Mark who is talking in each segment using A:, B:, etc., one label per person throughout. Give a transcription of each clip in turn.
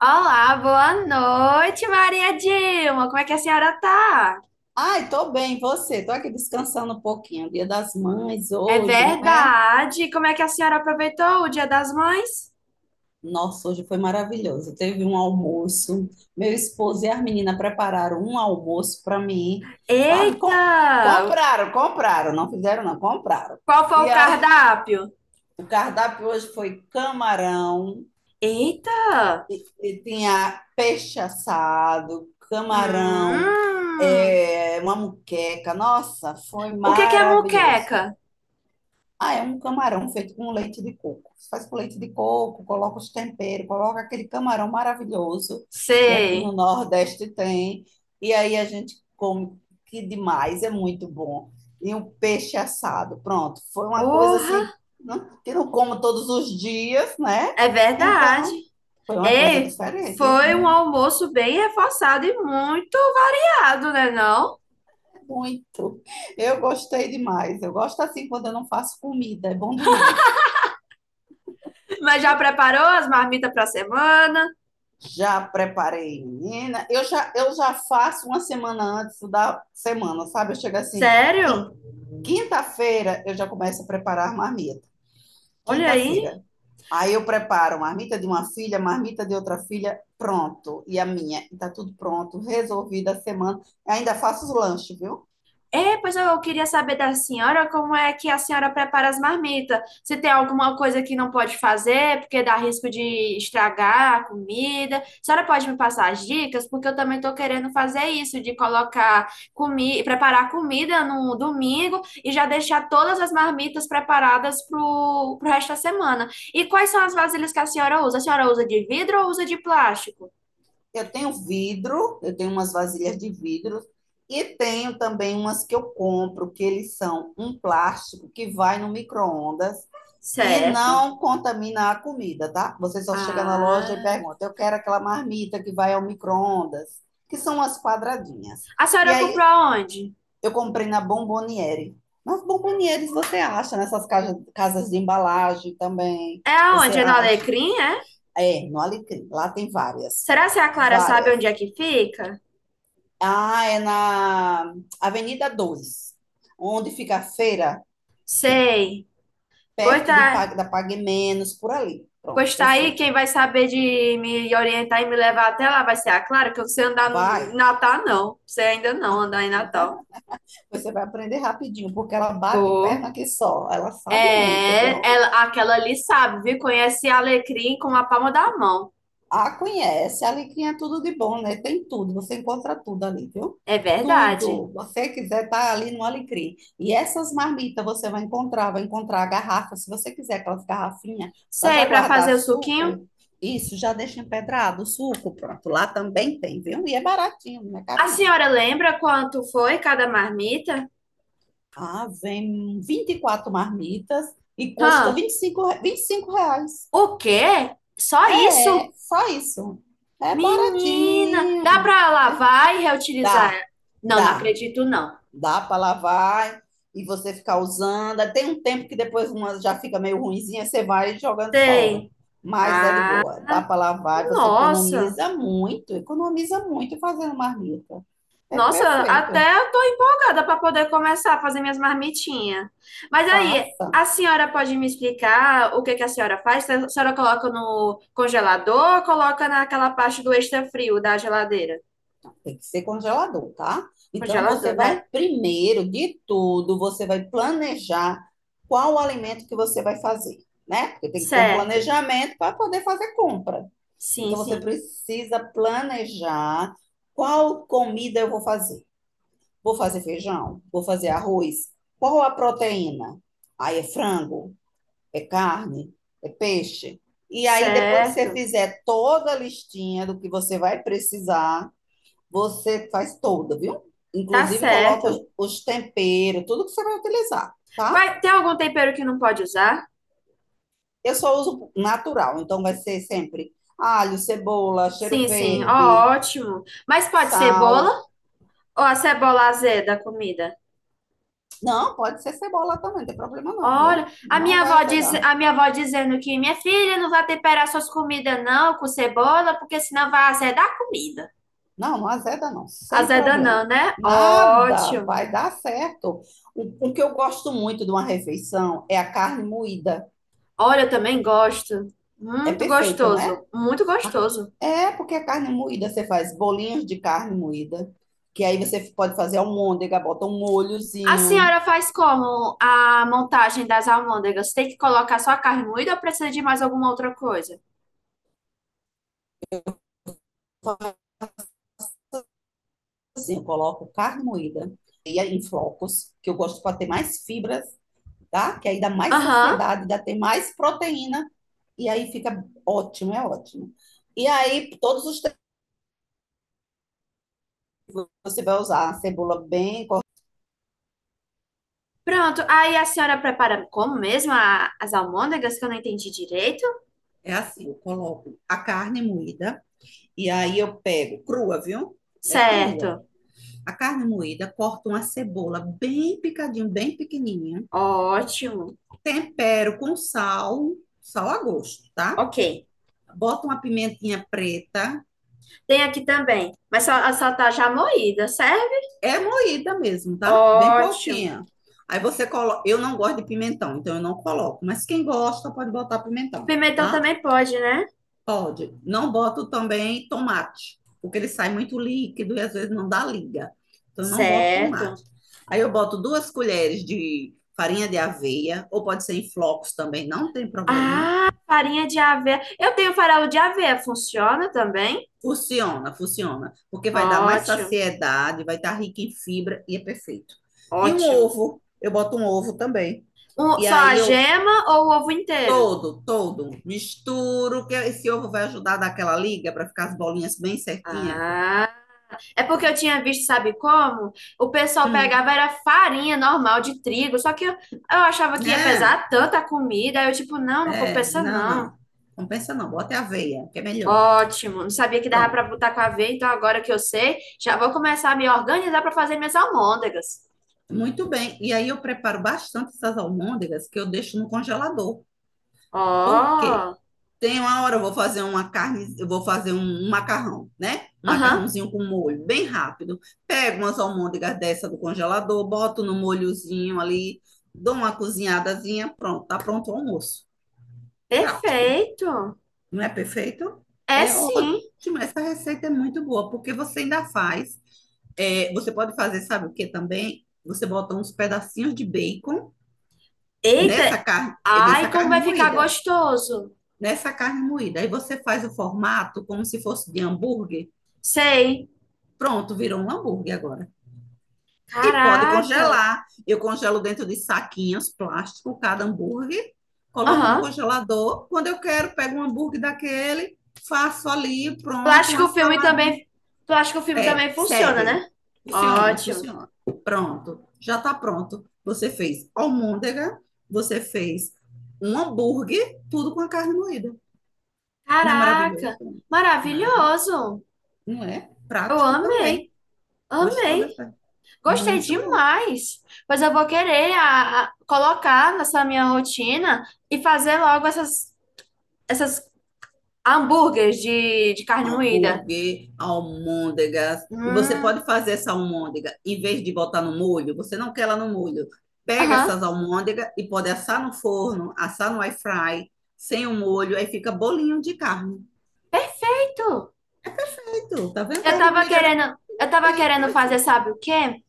A: Olá, boa noite, Maria Dilma. Como é que a senhora tá?
B: Ai, tô bem, você? Tô aqui descansando um pouquinho. Dia das Mães
A: É
B: hoje, né?
A: verdade. Como é que a senhora aproveitou o Dia das Mães?
B: Nossa, hoje foi maravilhoso. Teve um almoço. Meu esposo e as meninas prepararam um almoço para mim, sabe? Com-
A: Eita!
B: compraram, compraram, não fizeram, não, compraram.
A: Qual foi
B: E
A: o
B: aí,
A: cardápio?
B: o cardápio hoje foi camarão,
A: Eita!
B: e tinha peixe assado, camarão,
A: Hum,
B: uma muqueca. Nossa, foi
A: o que que é
B: maravilhoso.
A: moqueca?
B: Ah, é um camarão feito com leite de coco. Você faz com leite de coco, coloca os temperos, coloca aquele camarão maravilhoso que aqui no
A: Sei.
B: Nordeste tem. E aí a gente come que demais, é muito bom. E um peixe assado, pronto. Foi uma coisa
A: Orra,
B: assim que não como todos os dias, né?
A: é verdade.
B: Então, foi uma coisa
A: Ei,
B: diferente.
A: foi um
B: Hum.
A: almoço bem reforçado e muito variado, né não?
B: É muito. Eu gostei demais. Eu gosto assim quando eu não faço comida, é bom demais.
A: Mas já preparou as marmitas para a semana?
B: Já preparei, menina. Eu já faço uma semana antes da semana, sabe? Eu chego assim,
A: Sério?
B: quinta-feira eu já começo a preparar a marmita.
A: Olha aí.
B: Quinta-feira. Aí eu preparo marmita de uma filha, marmita de outra filha, pronto. E a minha, e tá tudo pronto, resolvida a semana. Ainda faço os lanches, viu?
A: É, pois eu queria saber da senhora como é que a senhora prepara as marmitas, se tem alguma coisa que não pode fazer, porque dá risco de estragar a comida. A senhora pode me passar as dicas, porque eu também estou querendo fazer isso, de colocar comida, preparar comida no domingo e já deixar todas as marmitas preparadas para o resto da semana. E quais são as vasilhas que a senhora usa? A senhora usa de vidro ou usa de plástico?
B: Eu tenho vidro, eu tenho umas vasilhas de vidro e tenho também umas que eu compro, que eles são um plástico que vai no micro-ondas e
A: Certo.
B: não contamina a comida, tá? Você só chega na loja e
A: Ah.
B: pergunta: eu quero aquela marmita que vai ao micro-ondas, que são as quadradinhas.
A: A
B: E
A: senhora comprou
B: aí
A: aonde?
B: eu comprei na Bomboniere. Mas bombonieres você acha nessas casas de embalagem também?
A: É
B: Você
A: onde? É no
B: acha?
A: Alecrim, é?
B: É, no Alecrim. Lá tem várias.
A: Será que a Clara sabe
B: Várias.
A: onde é que fica?
B: Ah, é na Avenida 2, onde fica a feira,
A: Sei. Pois
B: perto de, Pa-
A: tá,
B: da Pague Menos, por ali. Pronto,
A: pois tá aí,
B: perfeito.
A: quem vai saber de me orientar e me levar até lá vai ser a Clara, que eu não sei andar em
B: Vai.
A: Natal, não. Sei ainda não andar em Natal.
B: Você vai aprender rapidinho, porque ela bate
A: Vou.
B: perna que só. Ela sabe muito,
A: É,
B: viu?
A: ela, aquela ali sabe, viu? Conhece Alecrim com a palma da mão.
B: A conhece, a Alecrim é tudo de bom, né? Tem tudo, você encontra tudo ali, viu?
A: É verdade.
B: Tudo. Você quiser, tá ali no Alecrim. E essas marmitas você vai encontrar a garrafa, se você quiser aquelas garrafinhas, para já
A: Sei, para
B: guardar
A: fazer o suquinho.
B: suco. Isso, já deixa empedrado o suco, pronto. Lá também tem, viu? E é baratinho, não é
A: A
B: caro não.
A: senhora lembra quanto foi cada marmita?
B: Ah, vem 24 marmitas e custa
A: Hã?
B: R$ 25.
A: O quê? Só
B: É,
A: isso?
B: só isso. É baratinho.
A: Menina, dá pra lavar e reutilizar?
B: Dá,
A: Não, não
B: dá,
A: acredito, não.
B: dá para lavar e você ficar usando. Tem um tempo que depois uma já fica meio ruinzinha, você vai jogando fora.
A: Tem.
B: Mas é de
A: Ah,
B: boa, dá para lavar, você
A: nossa.
B: economiza muito fazendo marmita. É
A: Nossa, até
B: perfeito,
A: eu tô empolgada pra poder começar a fazer minhas marmitinhas. Mas aí,
B: faça.
A: a senhora pode me explicar o que que a senhora faz? A senhora coloca no congelador ou coloca naquela parte do extra frio da geladeira?
B: Tem que ser congelador, tá? Então
A: Congelador,
B: você vai,
A: né?
B: primeiro de tudo, você vai planejar qual o alimento que você vai fazer, né? Porque tem que ter um
A: Certo.
B: planejamento para poder fazer compra.
A: Sim,
B: Então você
A: sim.
B: precisa planejar qual comida eu vou fazer. Vou fazer feijão? Vou fazer arroz? Qual a proteína? Aí é frango, é carne, é peixe. E aí depois que você
A: Certo.
B: fizer toda a listinha do que você vai precisar, você faz toda, viu?
A: Tá
B: Inclusive coloca
A: certo.
B: os temperos, tudo que você vai utilizar,
A: Qual-
B: tá?
A: é, tem algum tempero que não pode usar?
B: Eu só uso natural, então vai ser sempre alho, cebola, cheiro
A: Sim, sim. Ó,
B: verde,
A: ótimo. Mas pode cebola
B: sal.
A: ou a cebola azeda a comida?
B: Não, pode ser cebola também, não tem problema não,
A: Olha,
B: viu?
A: a
B: Não
A: minha
B: vai
A: avó diz,
B: azedar.
A: a minha avó dizendo que minha filha não vai temperar suas comidas não com cebola, porque senão vai azedar a comida.
B: Não, não azeda não, sem
A: Azeda não,
B: problema.
A: né?
B: Nada,
A: Ótimo.
B: vai dar certo. O que eu gosto muito de uma refeição é a carne moída.
A: Olha, eu também gosto.
B: É
A: Muito
B: perfeita,
A: gostoso,
B: né?
A: muito gostoso.
B: É, porque a carne moída, você faz bolinhos de carne moída, que aí você pode fazer almôndega, bota um
A: A
B: molhozinho.
A: senhora faz como a montagem das almôndegas? Tem que colocar só a carne moída ou precisa de mais alguma outra coisa?
B: Faço. Assim, eu coloco carne moída e aí em flocos, que eu gosto para ter mais fibras, tá? Que aí dá mais
A: Aham.
B: saciedade, dá ter mais proteína, e aí fica ótimo, é ótimo. E aí, todos os tempos, você vai usar a cebola bem cortada.
A: Pronto, aí a senhora prepara como mesmo as almôndegas que eu não entendi direito?
B: É assim, eu coloco a carne moída, e aí eu pego crua, viu? É crua.
A: Certo,
B: A carne moída, corto uma cebola bem picadinho, bem pequenininha,
A: ótimo.
B: tempero com sal, sal a gosto, tá?
A: Ok.
B: Bota uma pimentinha preta,
A: Tem aqui também, mas só, só tá já moída, serve?
B: é moída mesmo, tá? Bem
A: Ótimo.
B: pouquinha. Aí você coloca, eu não gosto de pimentão, então eu não coloco, mas quem gosta pode botar pimentão,
A: Pimentão
B: tá?
A: também pode, né?
B: Pode. Não boto também tomate, porque ele sai muito líquido e às vezes não dá liga. Então, eu não boto tomate.
A: Certo.
B: Aí eu boto duas colheres de farinha de aveia, ou pode ser em flocos também, não tem problema.
A: Ah, farinha de aveia. Eu tenho farelo de aveia, funciona também?
B: Funciona, funciona, porque vai dar mais
A: Ótimo,
B: saciedade, vai estar rica em fibra e é perfeito. E um
A: ótimo.
B: ovo, eu boto um ovo também.
A: Um-
B: E
A: só a
B: aí eu
A: gema ou o ovo inteiro?
B: todo misturo, que esse ovo vai ajudar a dar aquela liga para ficar as bolinhas bem certinhas.
A: Ah. É porque eu tinha visto, sabe como? O pessoal
B: Hum,
A: pegava era farinha normal de trigo, só que eu achava que ia
B: né?
A: pesar tanta comida, aí eu tipo, não, não
B: É,
A: compensa
B: não,
A: não.
B: não. Compensa não, bota aveia, que é melhor.
A: Ótimo, não sabia que dava para
B: Pronto.
A: botar com aveia, então agora que eu sei, já vou começar a me organizar para fazer minhas almôndegas.
B: Muito bem. E aí eu preparo bastante essas almôndegas que eu deixo no congelador. Por
A: Ó,
B: quê? Tem uma hora eu vou fazer uma carne, eu vou fazer um macarrão, né? Um
A: aham,
B: macarrãozinho com molho, bem rápido. Pego umas almôndegas dessa do congelador, boto no molhozinho ali, dou uma cozinhadazinha, pronto, tá pronto o almoço. Prático.
A: perfeito.
B: Não é perfeito?
A: É
B: É
A: sim.
B: ótimo. Essa receita é muito boa, porque você ainda faz. É, você pode fazer, sabe o que também? Você bota uns pedacinhos de bacon nessa
A: Eita,
B: carne, nessa
A: ai, como
B: carne
A: vai ficar
B: moída.
A: gostoso.
B: Nessa carne moída. Aí você faz o formato como se fosse de hambúrguer.
A: Sei.
B: Pronto, virou um hambúrguer agora. E pode
A: Caraca.
B: congelar. Eu congelo dentro de saquinhos plástico cada hambúrguer, coloco no
A: Aham.
B: congelador. Quando eu quero, pego um hambúrguer daquele, faço ali,
A: Tu
B: pronto,
A: acha que
B: uma
A: o filme
B: saladinha.
A: também, tu acha que o filme
B: Serve,
A: também funciona,
B: serve.
A: né?
B: Funciona,
A: Ótimo.
B: funciona. Pronto, já está pronto. Você fez almôndega, você fez um hambúrguer, tudo com a carne moída. Não é
A: Caraca,
B: maravilhoso? É maravilhoso.
A: maravilhoso.
B: Não é?
A: Eu
B: Prático também.
A: amei,
B: Gostou
A: amei.
B: dessa?
A: Gostei
B: Muito bom.
A: demais. Pois eu vou querer colocar nessa minha rotina e fazer logo essas hambúrgueres de carne moída.
B: Hambúrguer, almôndegas. E você
A: Hum,
B: pode fazer essa almôndega, em vez de botar no molho, você não quer ela no molho. Pega
A: aham,
B: essas almôndegas e pode assar no forno, assar no air fry, sem o molho, aí fica bolinho de carne.
A: perfeito.
B: Tá vendo carne moída?
A: Eu tava
B: Tem,
A: querendo
B: pois
A: fazer,
B: é.
A: sabe o quê?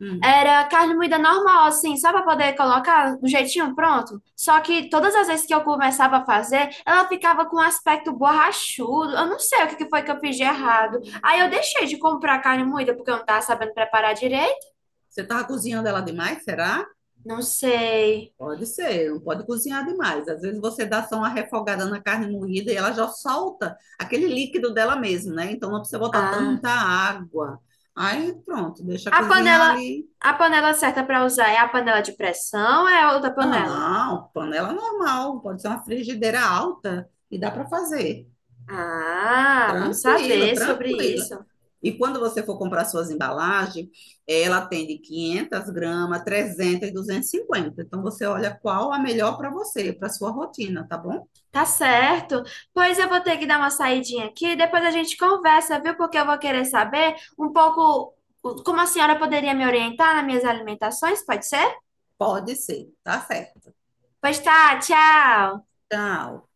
B: Hum.
A: Era carne moída normal, assim, só para poder colocar do jeitinho pronto. Só que todas as vezes que eu começava a fazer, ela ficava com um aspecto borrachudo. Eu não sei o que que foi que eu fiz de errado. Aí eu deixei de comprar carne moída porque eu não tava sabendo preparar direito.
B: Você tava cozinhando ela demais, será?
A: Não sei.
B: Pode ser, não pode cozinhar demais. Às vezes você dá só uma refogada na carne moída e ela já solta aquele líquido dela mesmo, né? Então não precisa botar
A: Ah,
B: tanta água. Aí pronto, deixa
A: a
B: cozinhar
A: panela,
B: ali.
A: a panela certa para usar é a panela de pressão ou é outra panela?
B: Não, panela normal, pode ser uma frigideira alta e dá para fazer.
A: Ah, bom
B: Tranquilo,
A: saber sobre
B: tranquilo.
A: isso.
B: E quando você for comprar suas embalagens, ela tem de 500 gramas, 300 e cinquenta. Então, você olha qual a melhor para você, para sua rotina, tá bom?
A: Tá certo. Pois eu vou ter que dar uma saidinha aqui, depois a gente conversa, viu? Porque eu vou querer saber um pouco como a senhora poderia me orientar nas minhas alimentações, pode ser?
B: Pode ser, tá certo.
A: Pois tá, tchau.
B: Tchau.